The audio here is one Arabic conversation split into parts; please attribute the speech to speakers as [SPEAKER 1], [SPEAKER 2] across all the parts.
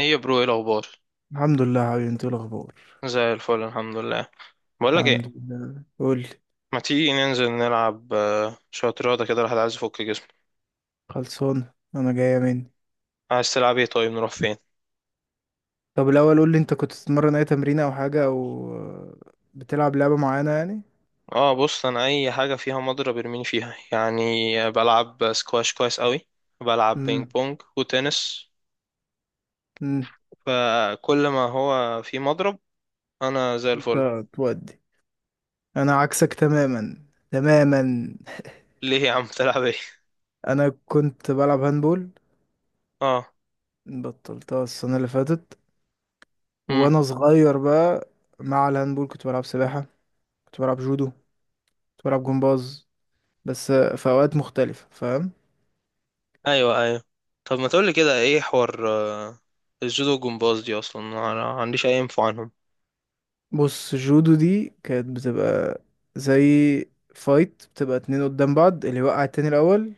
[SPEAKER 1] ايه يا برو، ايه الاخبار؟
[SPEAKER 2] الحمد لله حبيبي، انت ايه الاخبار؟
[SPEAKER 1] زي الفل الحمد لله. بقول لك ايه،
[SPEAKER 2] الحمد لله، قول لي.
[SPEAKER 1] ما تيجي ننزل نلعب، شويه رياضه كده، الواحد عايز يفك جسمه.
[SPEAKER 2] خلصان، انا جايه مني.
[SPEAKER 1] عايز تلعب ايه؟ طيب نروح فين؟
[SPEAKER 2] طب الاول قول لي، انت كنت بتتمرن اي تمرين او حاجه او بتلعب لعبه معينه يعني.
[SPEAKER 1] اه، بص، انا اي حاجه فيها مضرب ارميني فيها يعني. بلعب سكواش كويس قوي. بلعب بينج
[SPEAKER 2] امم.
[SPEAKER 1] بونج وتنس.
[SPEAKER 2] امم.
[SPEAKER 1] فكل ما هو في مضرب انا زي الفل.
[SPEAKER 2] لا، تودي. انا عكسك تماما. تماما.
[SPEAKER 1] ليه يا عم؟ تلعب ايه؟
[SPEAKER 2] انا كنت بلعب هاندبول.
[SPEAKER 1] اه.
[SPEAKER 2] بطلتها السنه اللي فاتت
[SPEAKER 1] امم
[SPEAKER 2] وانا صغير بقى. مع الهاندبول كنت بلعب سباحه. كنت بلعب جودو. كنت بلعب جمباز. بس في اوقات مختلفه، فاهم.
[SPEAKER 1] ايوه، ايوه، طب ما تقولي كده، ايه حوار الجودو والجمباز دي؟ اصلا انا ما عنديش اي انفو عنهم.
[SPEAKER 2] بص، جودو دي كانت بتبقى زي فايت. بتبقى اتنين قدام بعض، اللي يوقع التاني الأول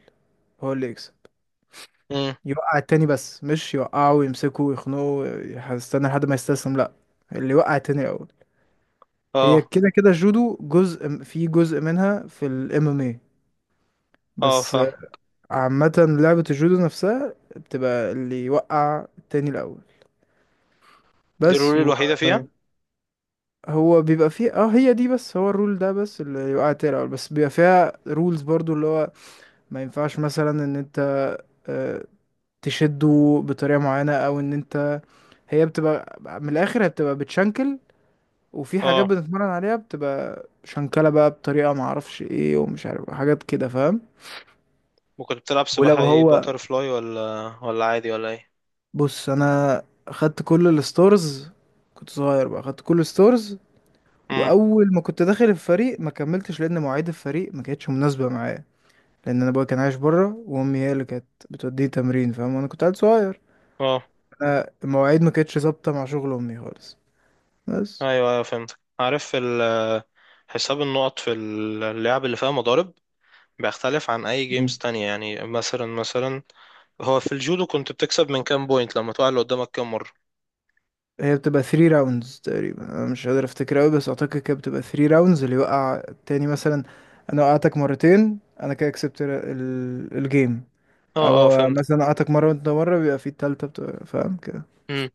[SPEAKER 2] هو اللي يكسب.
[SPEAKER 1] امم.
[SPEAKER 2] يوقع التاني، بس مش يوقعه ويمسكه ويخنقه. هستنى لحد ما يستسلم، لأ. اللي يوقع التاني الأول. هي
[SPEAKER 1] اه
[SPEAKER 2] كده كده الجودو جزء في جزء منها في ال MMA.
[SPEAKER 1] اه،
[SPEAKER 2] بس.
[SPEAKER 1] فاهم.
[SPEAKER 2] عامة، لعبة الجودو نفسها بتبقى اللي يوقع التاني الأول
[SPEAKER 1] دي
[SPEAKER 2] بس.
[SPEAKER 1] الرول
[SPEAKER 2] و...
[SPEAKER 1] الوحيدة فيها؟
[SPEAKER 2] هو بيبقى فيه، هي دي بس. هو الرول ده بس، اللي يوقع التاني الأول بس. بيبقى فيها رولز برضو، اللي هو ما ينفعش مثلا ان انت آه، تشده بطريقة معينة، او ان انت... هي بتبقى من الاخر، هي بتبقى بتشنكل. وفي حاجات
[SPEAKER 1] اه.
[SPEAKER 2] بنتمرن عليها بتبقى شنكلة بقى بطريقة معرفش ايه ومش عارف، حاجات كده، فاهم.
[SPEAKER 1] ممكن بتلعب
[SPEAKER 2] ولو
[SPEAKER 1] سباحة ايه،
[SPEAKER 2] هو...
[SPEAKER 1] باتر فلاي ولا ولا عادي ولا ايه؟
[SPEAKER 2] بص انا خدت كل الستورز. كنت صغير بقى، خدت كل الستورز.
[SPEAKER 1] امم.
[SPEAKER 2] واول ما كنت داخل الفريق ما كملتش، لان مواعيد الفريق ما كانتش مناسبة معايا. لان انا ابويا كان عايش بره، وامي هي اللي كانت بتوديه تمرين، فاهم، وانا كنت عيل صغير.
[SPEAKER 1] اه،
[SPEAKER 2] أنا المواعيد ما كانتش ظابطة مع شغل أمي خالص. بس.
[SPEAKER 1] ايوه ايوه فهمت. عارف حساب النقط في اللعب اللي فيها مضارب بيختلف عن اي
[SPEAKER 2] مم.
[SPEAKER 1] جيمز تانية يعني. مثلا هو في الجودو كنت بتكسب من كام بوينت؟ لما تقع اللي قدامك كام مرة؟
[SPEAKER 2] هي بتبقى 3 راوندز تقريبا. أنا مش قادر أفتكر أوي، بس أعتقد كده بتبقى 3 راوندز. اللي يوقع التاني، مثلا أنا وقعتك مرتين، أنا كده كسبت الجيم.
[SPEAKER 1] اه اه
[SPEAKER 2] أو
[SPEAKER 1] فهمت.
[SPEAKER 2] مثلا وقعتك مرة وأنت مرة، بيبقى في التالتة، بتبقى فاهم كده.
[SPEAKER 1] امم.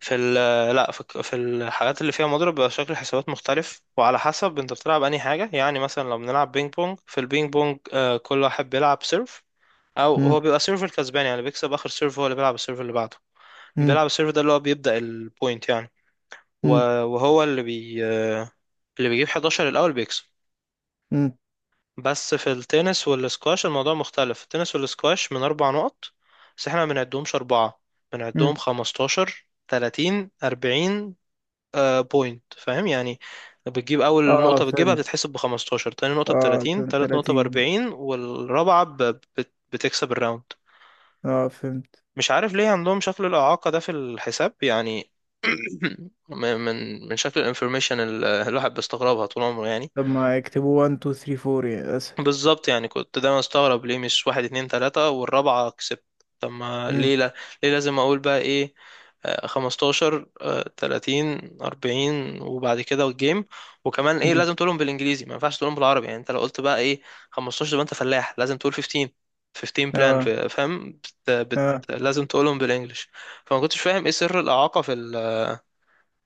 [SPEAKER 1] في ال لا، في الحاجات اللي فيها مضرب بيبقى شكل الحسابات مختلف، وعلى حسب انت بتلعب انهي حاجة. يعني مثلا لو بنلعب بينج بونج، في البينج بونج آه كل واحد بيلعب سيرف. او
[SPEAKER 2] مم.
[SPEAKER 1] هو بيبقى سيرفر كسبان، يعني بيكسب اخر سيرف، هو اللي بيلعب السيرف اللي بعده.
[SPEAKER 2] مم.
[SPEAKER 1] بيلعب السيرف ده اللي هو بيبدأ البوينت يعني.
[SPEAKER 2] مم.
[SPEAKER 1] و- وهو اللي بي اللي بيجيب 11 الاول بيكسب.
[SPEAKER 2] مم.
[SPEAKER 1] بس في التنس والسكواش الموضوع مختلف. في التنس والسكواش من اربع نقط، بس احنا ما بنعدهمش اربعة، بنعدهم
[SPEAKER 2] مم.
[SPEAKER 1] 15 30 40 آه بوينت، فاهم يعني. بتجيب اول
[SPEAKER 2] اه
[SPEAKER 1] نقطة، بتجيبها
[SPEAKER 2] فهمت.
[SPEAKER 1] بتتحسب ب 15، تاني نقطة ب
[SPEAKER 2] اه
[SPEAKER 1] 30، تالت نقطة ب
[SPEAKER 2] 30.
[SPEAKER 1] 40، والرابعة بتكسب الراوند.
[SPEAKER 2] اه فهمت.
[SPEAKER 1] مش عارف ليه عندهم شكل الإعاقة ده في الحساب يعني. من شكل الانفورميشن اللي الواحد بيستغربها طول عمره يعني.
[SPEAKER 2] طب ما يكتبوا 1 2 3 4 يعني أسهل.
[SPEAKER 1] بالظبط، يعني كنت دايما استغرب، ليه مش واحد اتنين تلاتة والرابعة كسبت، طب ما
[SPEAKER 2] مم.
[SPEAKER 1] ليه، لا، ليه لازم اقول بقى ايه، 15 30 40 وبعد كده والجيم. وكمان ايه
[SPEAKER 2] مم.
[SPEAKER 1] لازم تقولهم بالانجليزي، ما ينفعش تقولهم بالعربي يعني. انت لو قلت بقى ايه 15 يبقى انت فلاح، لازم تقول 15، 15 بلان،
[SPEAKER 2] اه
[SPEAKER 1] فاهم.
[SPEAKER 2] اه
[SPEAKER 1] لازم تقولهم بالانجلش. فما كنتش فاهم ايه سر الاعاقة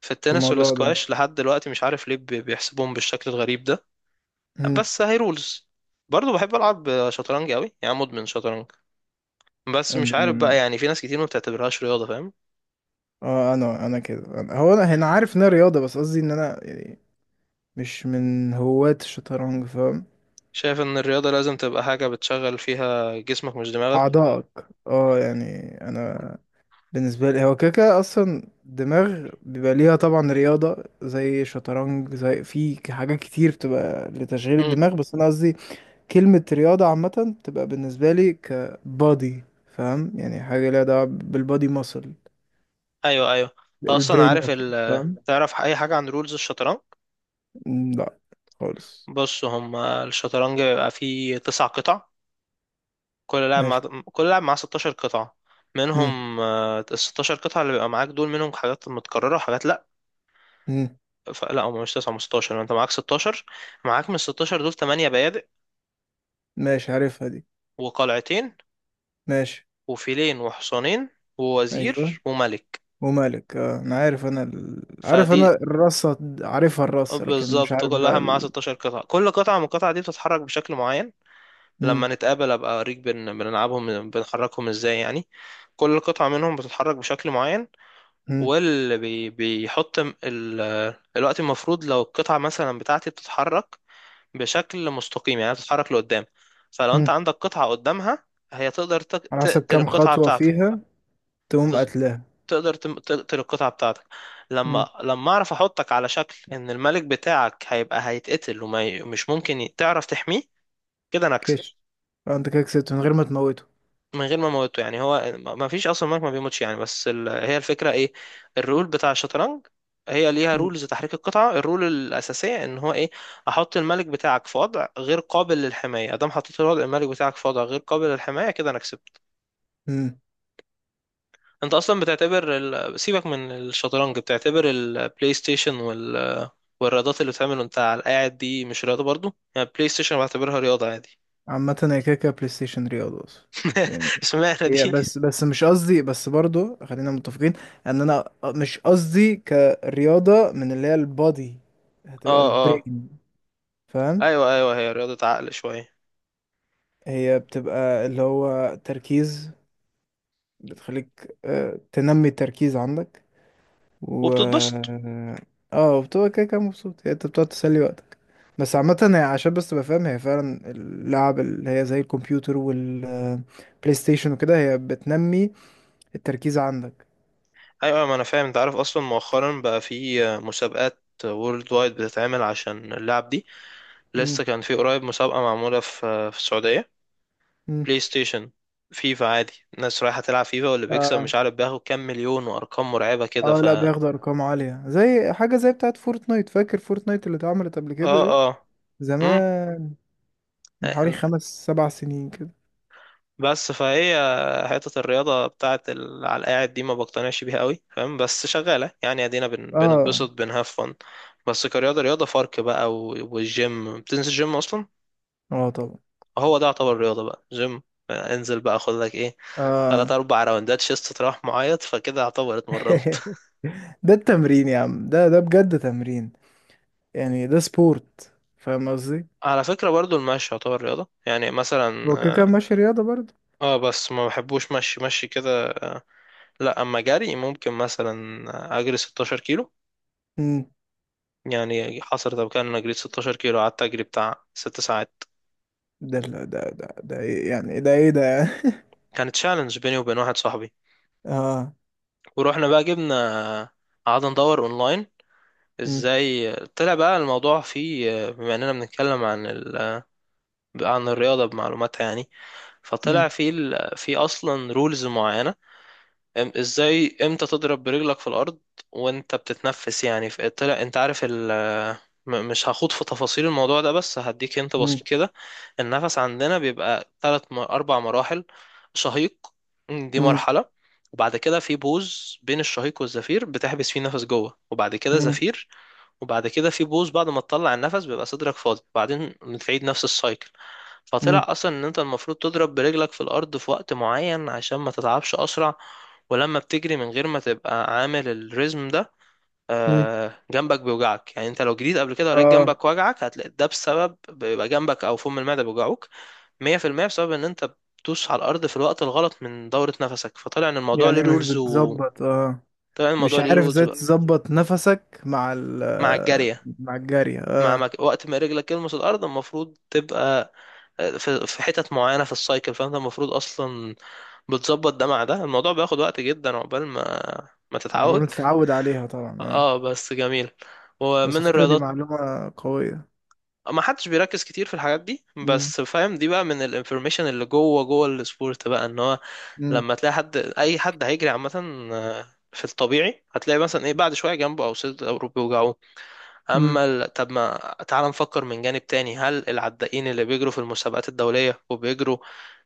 [SPEAKER 1] في التنس
[SPEAKER 2] الموضوع ده.
[SPEAKER 1] والسكواش لحد دلوقتي. مش عارف ليه بيحسبوهم بالشكل الغريب ده. بس هاي رولز. برضه بحب العب شطرنج قوي، يعني مدمن شطرنج. بس مش عارف بقى
[SPEAKER 2] أنا-
[SPEAKER 1] يعني، في ناس كتير ما بتعتبرهاش رياضه، فاهم.
[SPEAKER 2] اه انا كده، هو انا عارف انها رياضة، بس قصدي ان انا يعني مش من هواة الشطرنج، فاهم.
[SPEAKER 1] شايف ان الرياضه لازم تبقى حاجه بتشغل فيها جسمك مش دماغك.
[SPEAKER 2] اعضائك، اه، يعني. انا بالنسبة لي هو كده كده اصلا دماغ بيبقى ليها، طبعا رياضة زي شطرنج، زي في حاجات كتير بتبقى لتشغيل
[SPEAKER 1] امم،
[SPEAKER 2] الدماغ، بس انا قصدي كلمة رياضة عامة بتبقى بالنسبة لي كبادي، فاهم، يعني حاجة ليها دعوة بالبادي ماسل،
[SPEAKER 1] ايوه ايوه. انت اصلا
[SPEAKER 2] البرين
[SPEAKER 1] عارف
[SPEAKER 2] ماسل، فاهم.
[SPEAKER 1] تعرف اي حاجه عن رولز الشطرنج؟
[SPEAKER 2] لا. خالص.
[SPEAKER 1] بص، هم الشطرنج بيبقى فيه تسع قطع، كل لاعب مع
[SPEAKER 2] ماشي.
[SPEAKER 1] كل لاعب معاه 16 قطعه، منهم ال 16 قطعه اللي بيبقى معاك دول منهم حاجات متكرره وحاجات لا.
[SPEAKER 2] مم.
[SPEAKER 1] لا، هم مش 9، هم 16، انت معاك 16. معاك من ال 16 دول 8 بيادق
[SPEAKER 2] ماشي، عارفها دي.
[SPEAKER 1] وقلعتين
[SPEAKER 2] ماشي.
[SPEAKER 1] وفيلين وحصانين
[SPEAKER 2] ايوه،
[SPEAKER 1] ووزير وملك.
[SPEAKER 2] ومالك. اه انا عارف، انا ال... عارف
[SPEAKER 1] فدي
[SPEAKER 2] انا الرصة، عارفها الرصة، لكن مش
[SPEAKER 1] بالظبط
[SPEAKER 2] عارف
[SPEAKER 1] كلها
[SPEAKER 2] بقى
[SPEAKER 1] معاها
[SPEAKER 2] ال...
[SPEAKER 1] 16 قطعة. كل قطعة من القطع دي بتتحرك بشكل معين.
[SPEAKER 2] مم.
[SPEAKER 1] لما نتقابل ابقى اوريك بنلعبهم بنحركهم ازاي يعني. كل قطعة منهم بتتحرك بشكل معين،
[SPEAKER 2] مم.
[SPEAKER 1] واللي بي... بيحط م- ال... الوقت المفروض لو القطعة مثلا بتاعتي بتتحرك بشكل مستقيم، يعني بتتحرك لقدام، فلو انت
[SPEAKER 2] مم.
[SPEAKER 1] عندك قطعة قدامها هي تقدر
[SPEAKER 2] على حسب
[SPEAKER 1] تقتل
[SPEAKER 2] كام
[SPEAKER 1] القطعة
[SPEAKER 2] خطوة
[SPEAKER 1] بتاعتك.
[SPEAKER 2] فيها تقوم قتلها.
[SPEAKER 1] تقدر تقتل القطعة بتاعتك. لما
[SPEAKER 2] مم.
[SPEAKER 1] لما اعرف احطك على شكل ان الملك بتاعك هيبقى هيتقتل ومش ممكن تعرف تحميه، كده انا اكسب.
[SPEAKER 2] كش. اه انت كده كسبت من غير ما تموته.
[SPEAKER 1] من غير ما اموته، يعني هو ما فيش اصلا ملك ما بيموتش يعني. هي الفكرة ايه، الرول بتاع الشطرنج، هي ليها
[SPEAKER 2] مم.
[SPEAKER 1] رولز تحريك القطعة، الرول الأساسية إن هو إيه، أحط الملك بتاعك في وضع غير قابل للحماية. أدام حطيت الوضع الملك بتاعك في وضع غير قابل للحماية، كده أنا كسبت.
[SPEAKER 2] مم.
[SPEAKER 1] انت اصلا سيبك من الشطرنج، بتعتبر البلاي ستيشن والرياضات اللي بتعمل وانت على القاعد دي مش رياضة برضو يعني؟ البلاي ستيشن بعتبرها رياضة عادي.
[SPEAKER 2] عامة هي كده كده بلاي ستيشن رياضة اصلا، يعني.
[SPEAKER 1] اشمعنى
[SPEAKER 2] هي
[SPEAKER 1] دي؟
[SPEAKER 2] بس مش قصدي، بس برضو خلينا متفقين ان انا مش قصدي كرياضة من اللي هي البادي، هتبقى
[SPEAKER 1] اه اه،
[SPEAKER 2] البرين، فاهم.
[SPEAKER 1] ايوه ايوه، هي رياضة عقل شوية
[SPEAKER 2] هي بتبقى اللي هو تركيز، بتخليك تنمي التركيز عندك، و...
[SPEAKER 1] وبتتبسط.
[SPEAKER 2] اه بتبقى كده كده مبسوط، هي انت بتقعد تسلي وقتك، بس عامة هي عشان بس تبقى فاهم، هي فعلا اللعب اللي هي زي الكمبيوتر والبلاي ستيشن وكده هي بتنمي التركيز عندك.
[SPEAKER 1] ايوه، ما انا فاهم. انت عارف اصلا مؤخرا بقى في مسابقات وورلد وايد بتتعمل عشان اللعب دي.
[SPEAKER 2] مم.
[SPEAKER 1] لسه كان في قريب مسابقة معمولة في السعودية،
[SPEAKER 2] مم.
[SPEAKER 1] بلاي ستيشن، فيفا عادي. الناس رايحة تلعب فيفا واللي بيكسب
[SPEAKER 2] اه
[SPEAKER 1] مش عارف بياخد كام مليون، وأرقام مرعبة كده.
[SPEAKER 2] اه
[SPEAKER 1] ف
[SPEAKER 2] لا،
[SPEAKER 1] اه
[SPEAKER 2] بياخدوا ارقام عالية زي حاجة زي بتاعت فورتنايت. فاكر فورتنايت اللي اتعملت قبل كده دي،
[SPEAKER 1] اه، مم.
[SPEAKER 2] زمان، من حوالي 5 7 سنين كده.
[SPEAKER 1] بس فهي حتة على القاعد دي ما بقتنعش بيها قوي، فاهم، بس شغالة يعني، ادينا
[SPEAKER 2] اه
[SPEAKER 1] بنتبسط، بنهاف فن، بس كرياضة رياضة فرق بقى. والجيم بتنزل جيم أصلا،
[SPEAKER 2] اه طبعا.
[SPEAKER 1] هو ده يعتبر رياضة بقى، جيم. انزل بقى خد لك ايه، تلات
[SPEAKER 2] اه.
[SPEAKER 1] أربع راوندات شيست تروح معيط، فكده يعتبر اتمرنت.
[SPEAKER 2] ده التمرين يا عم، ده بجد تمرين، يعني ده سبورت، فاهم قصدي.
[SPEAKER 1] على فكرة برضو المشي يعتبر رياضة، يعني مثلا
[SPEAKER 2] هو كده كده
[SPEAKER 1] اه
[SPEAKER 2] ماشي رياضة برضه.
[SPEAKER 1] بس ما بحبوش مشي مشي كده لا، اما جري ممكن، مثلا اجري 16 كيلو
[SPEAKER 2] امم.
[SPEAKER 1] يعني. حصلت قبل كده ان انا جريت 16 كيلو، قعدت اجري بتاع 6 ساعات.
[SPEAKER 2] ده إيه يعني، ده ايه ده يعني؟
[SPEAKER 1] كانت تشالنج بيني وبين واحد صاحبي،
[SPEAKER 2] اه.
[SPEAKER 1] ورحنا بقى جبنا آه، قعدنا ندور اونلاين
[SPEAKER 2] امم.
[SPEAKER 1] ازاي، طلع بقى الموضوع فيه بما اننا بنتكلم عن ال... آه، عن الرياضة بمعلوماتها يعني.
[SPEAKER 2] امم.
[SPEAKER 1] فيه اصلا رولز معينة. ازاي امتى تضرب برجلك في الارض وانت بتتنفس يعني. في، طلع انت عارف مش هخوض في تفاصيل الموضوع ده، بس هديك انت
[SPEAKER 2] امم.
[SPEAKER 1] بسيط كده. النفس عندنا بيبقى ثلاث اربع مراحل، شهيق، دي
[SPEAKER 2] امم.
[SPEAKER 1] مرحلة، وبعد كده في بوز بين الشهيق والزفير، بتحبس فيه نفس جوه، وبعد كده
[SPEAKER 2] امم.
[SPEAKER 1] زفير، وبعد كده في بوز بعد ما تطلع النفس بيبقى صدرك فاضي، وبعدين بتعيد نفس السايكل.
[SPEAKER 2] امم.
[SPEAKER 1] فطلع اصلا ان انت المفروض تضرب برجلك في الارض في وقت معين عشان ما تتعبش اسرع. ولما بتجري من غير ما تبقى عامل الريزم ده
[SPEAKER 2] أمم.
[SPEAKER 1] جنبك بيوجعك، يعني انت لو جريت قبل كده ولقيت
[SPEAKER 2] اه
[SPEAKER 1] جنبك وجعك، هتلاقي ده بسبب بيبقى جنبك او فم المعده بيوجعوك، 100% بسبب ان انت بتدوس على الارض في الوقت الغلط من دوره نفسك. فطلع ان الموضوع ليه
[SPEAKER 2] يعني مش
[SPEAKER 1] رولز و،
[SPEAKER 2] بتظبط، اه.
[SPEAKER 1] طلع ان
[SPEAKER 2] مش
[SPEAKER 1] الموضوع ليه
[SPEAKER 2] عارف
[SPEAKER 1] رولز
[SPEAKER 2] ازاي
[SPEAKER 1] بقى.
[SPEAKER 2] تظبط نفسك مع ال...
[SPEAKER 1] مع الجاريه،
[SPEAKER 2] مع الجري، اه.
[SPEAKER 1] وقت ما رجلك تلمس الارض المفروض تبقى في حتت معينه في السايكل، فانت المفروض اصلا بتظبط ده مع ده. الموضوع بياخد وقت جدا عقبال ما
[SPEAKER 2] عقبال
[SPEAKER 1] تتعود.
[SPEAKER 2] ما تتعود عليها طبعا، اه.
[SPEAKER 1] اه، بس جميل.
[SPEAKER 2] بس على
[SPEAKER 1] ومن
[SPEAKER 2] فكرة دي
[SPEAKER 1] الرياضات،
[SPEAKER 2] معلومة قوية.
[SPEAKER 1] ما حدش بيركز كتير في الحاجات دي،
[SPEAKER 2] امم.
[SPEAKER 1] بس فاهم دي بقى من الانفورميشن اللي جوه جوه السبورت بقى. ان هو لما تلاقي حد، اي حد هيجري عامه، آه، في الطبيعي هتلاقي مثلا ايه، بعد شويه جنبه او صدره او بيوجعه.
[SPEAKER 2] امم.
[SPEAKER 1] طب ما تعال نفكر من جانب تاني، هل العدائين اللي بيجروا في المسابقات الدولية وبيجروا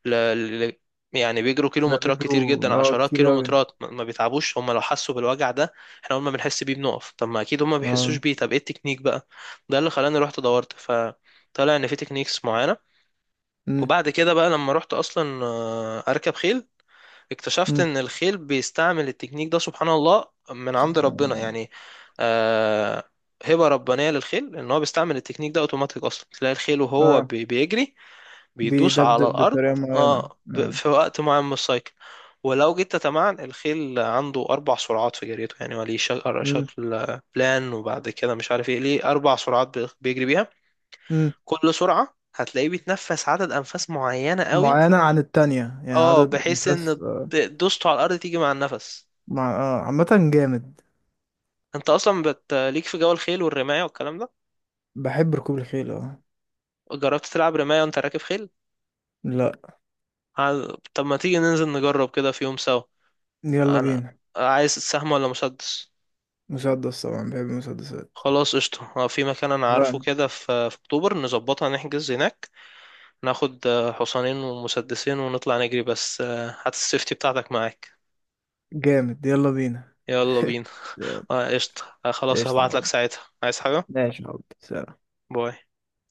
[SPEAKER 1] ل... ل... يعني بيجروا
[SPEAKER 2] لا،
[SPEAKER 1] كيلومترات كتير جدا،
[SPEAKER 2] بيجروا اه
[SPEAKER 1] عشرات
[SPEAKER 2] كتير أوي.
[SPEAKER 1] كيلومترات، ما بيتعبوش هم؟ لو حسوا بالوجع ده احنا اول ما بنحس بيه بنقف، طب ما اكيد هم ما بيحسوش
[SPEAKER 2] اه.
[SPEAKER 1] بيه. طب ايه التكنيك بقى؟ ده اللي خلاني رحت دورت، فطلع ان في تكنيكس معينة.
[SPEAKER 2] مم.
[SPEAKER 1] وبعد كده بقى لما رحت اصلا اركب خيل، اكتشفت
[SPEAKER 2] مم.
[SPEAKER 1] ان الخيل بيستعمل التكنيك ده، سبحان الله من عند
[SPEAKER 2] سبحان
[SPEAKER 1] ربنا
[SPEAKER 2] الله.
[SPEAKER 1] يعني. آه، هبة ربانية للخيل ان هو بيستعمل التكنيك ده اوتوماتيك. اصلا تلاقي الخيل وهو
[SPEAKER 2] اه،
[SPEAKER 1] بيجري بيدوس على
[SPEAKER 2] بيدبدب
[SPEAKER 1] الارض،
[SPEAKER 2] بطريقة معينة،
[SPEAKER 1] اه
[SPEAKER 2] آه.
[SPEAKER 1] في وقت معين من السايكل. ولو جيت تتمعن، الخيل عنده اربع سرعات في جريته، يعني هو ليه
[SPEAKER 2] مم.
[SPEAKER 1] شكل بلان وبعد كده مش عارف ايه، ليه اربع سرعات بيجري بيها.
[SPEAKER 2] مم.
[SPEAKER 1] كل سرعة هتلاقيه بيتنفس عدد انفاس معينة قوي،
[SPEAKER 2] معينة عن التانية، يعني
[SPEAKER 1] اه،
[SPEAKER 2] عدد
[SPEAKER 1] بحيث ان
[SPEAKER 2] أنفاس، آه.
[SPEAKER 1] دوسته على الارض تيجي مع النفس.
[SPEAKER 2] مع... آه. عامة، جامد.
[SPEAKER 1] انت اصلا ليك في جو الخيل والرماية والكلام ده،
[SPEAKER 2] بحب ركوب الخيل، اه.
[SPEAKER 1] جربت تلعب رماية وانت راكب خيل؟
[SPEAKER 2] لا.
[SPEAKER 1] عايز- طب ما تيجي ننزل نجرب كده في يوم سوا.
[SPEAKER 2] يلا
[SPEAKER 1] انا
[SPEAKER 2] بينا.
[SPEAKER 1] عايز سهم ولا مسدس؟
[SPEAKER 2] مسدس طبعا، بحب المسدسات.
[SPEAKER 1] خلاص قشطة، اه، في مكان انا عارفه
[SPEAKER 2] فعلا.
[SPEAKER 1] كده، في اكتوبر نظبطها، نحجز هناك، ناخد اه حصانين ومسدسين ونطلع نجري، بس اه هات السيفتي بتاعتك معاك.
[SPEAKER 2] جامد، يلا بينا.
[SPEAKER 1] يلا بينا. اه قشطة، اه خلاص،
[SPEAKER 2] ايش يا
[SPEAKER 1] هبعتلك
[SPEAKER 2] حب.
[SPEAKER 1] ساعتها. عايز حاجة؟
[SPEAKER 2] ماشي يا حب، سلام.
[SPEAKER 1] باي.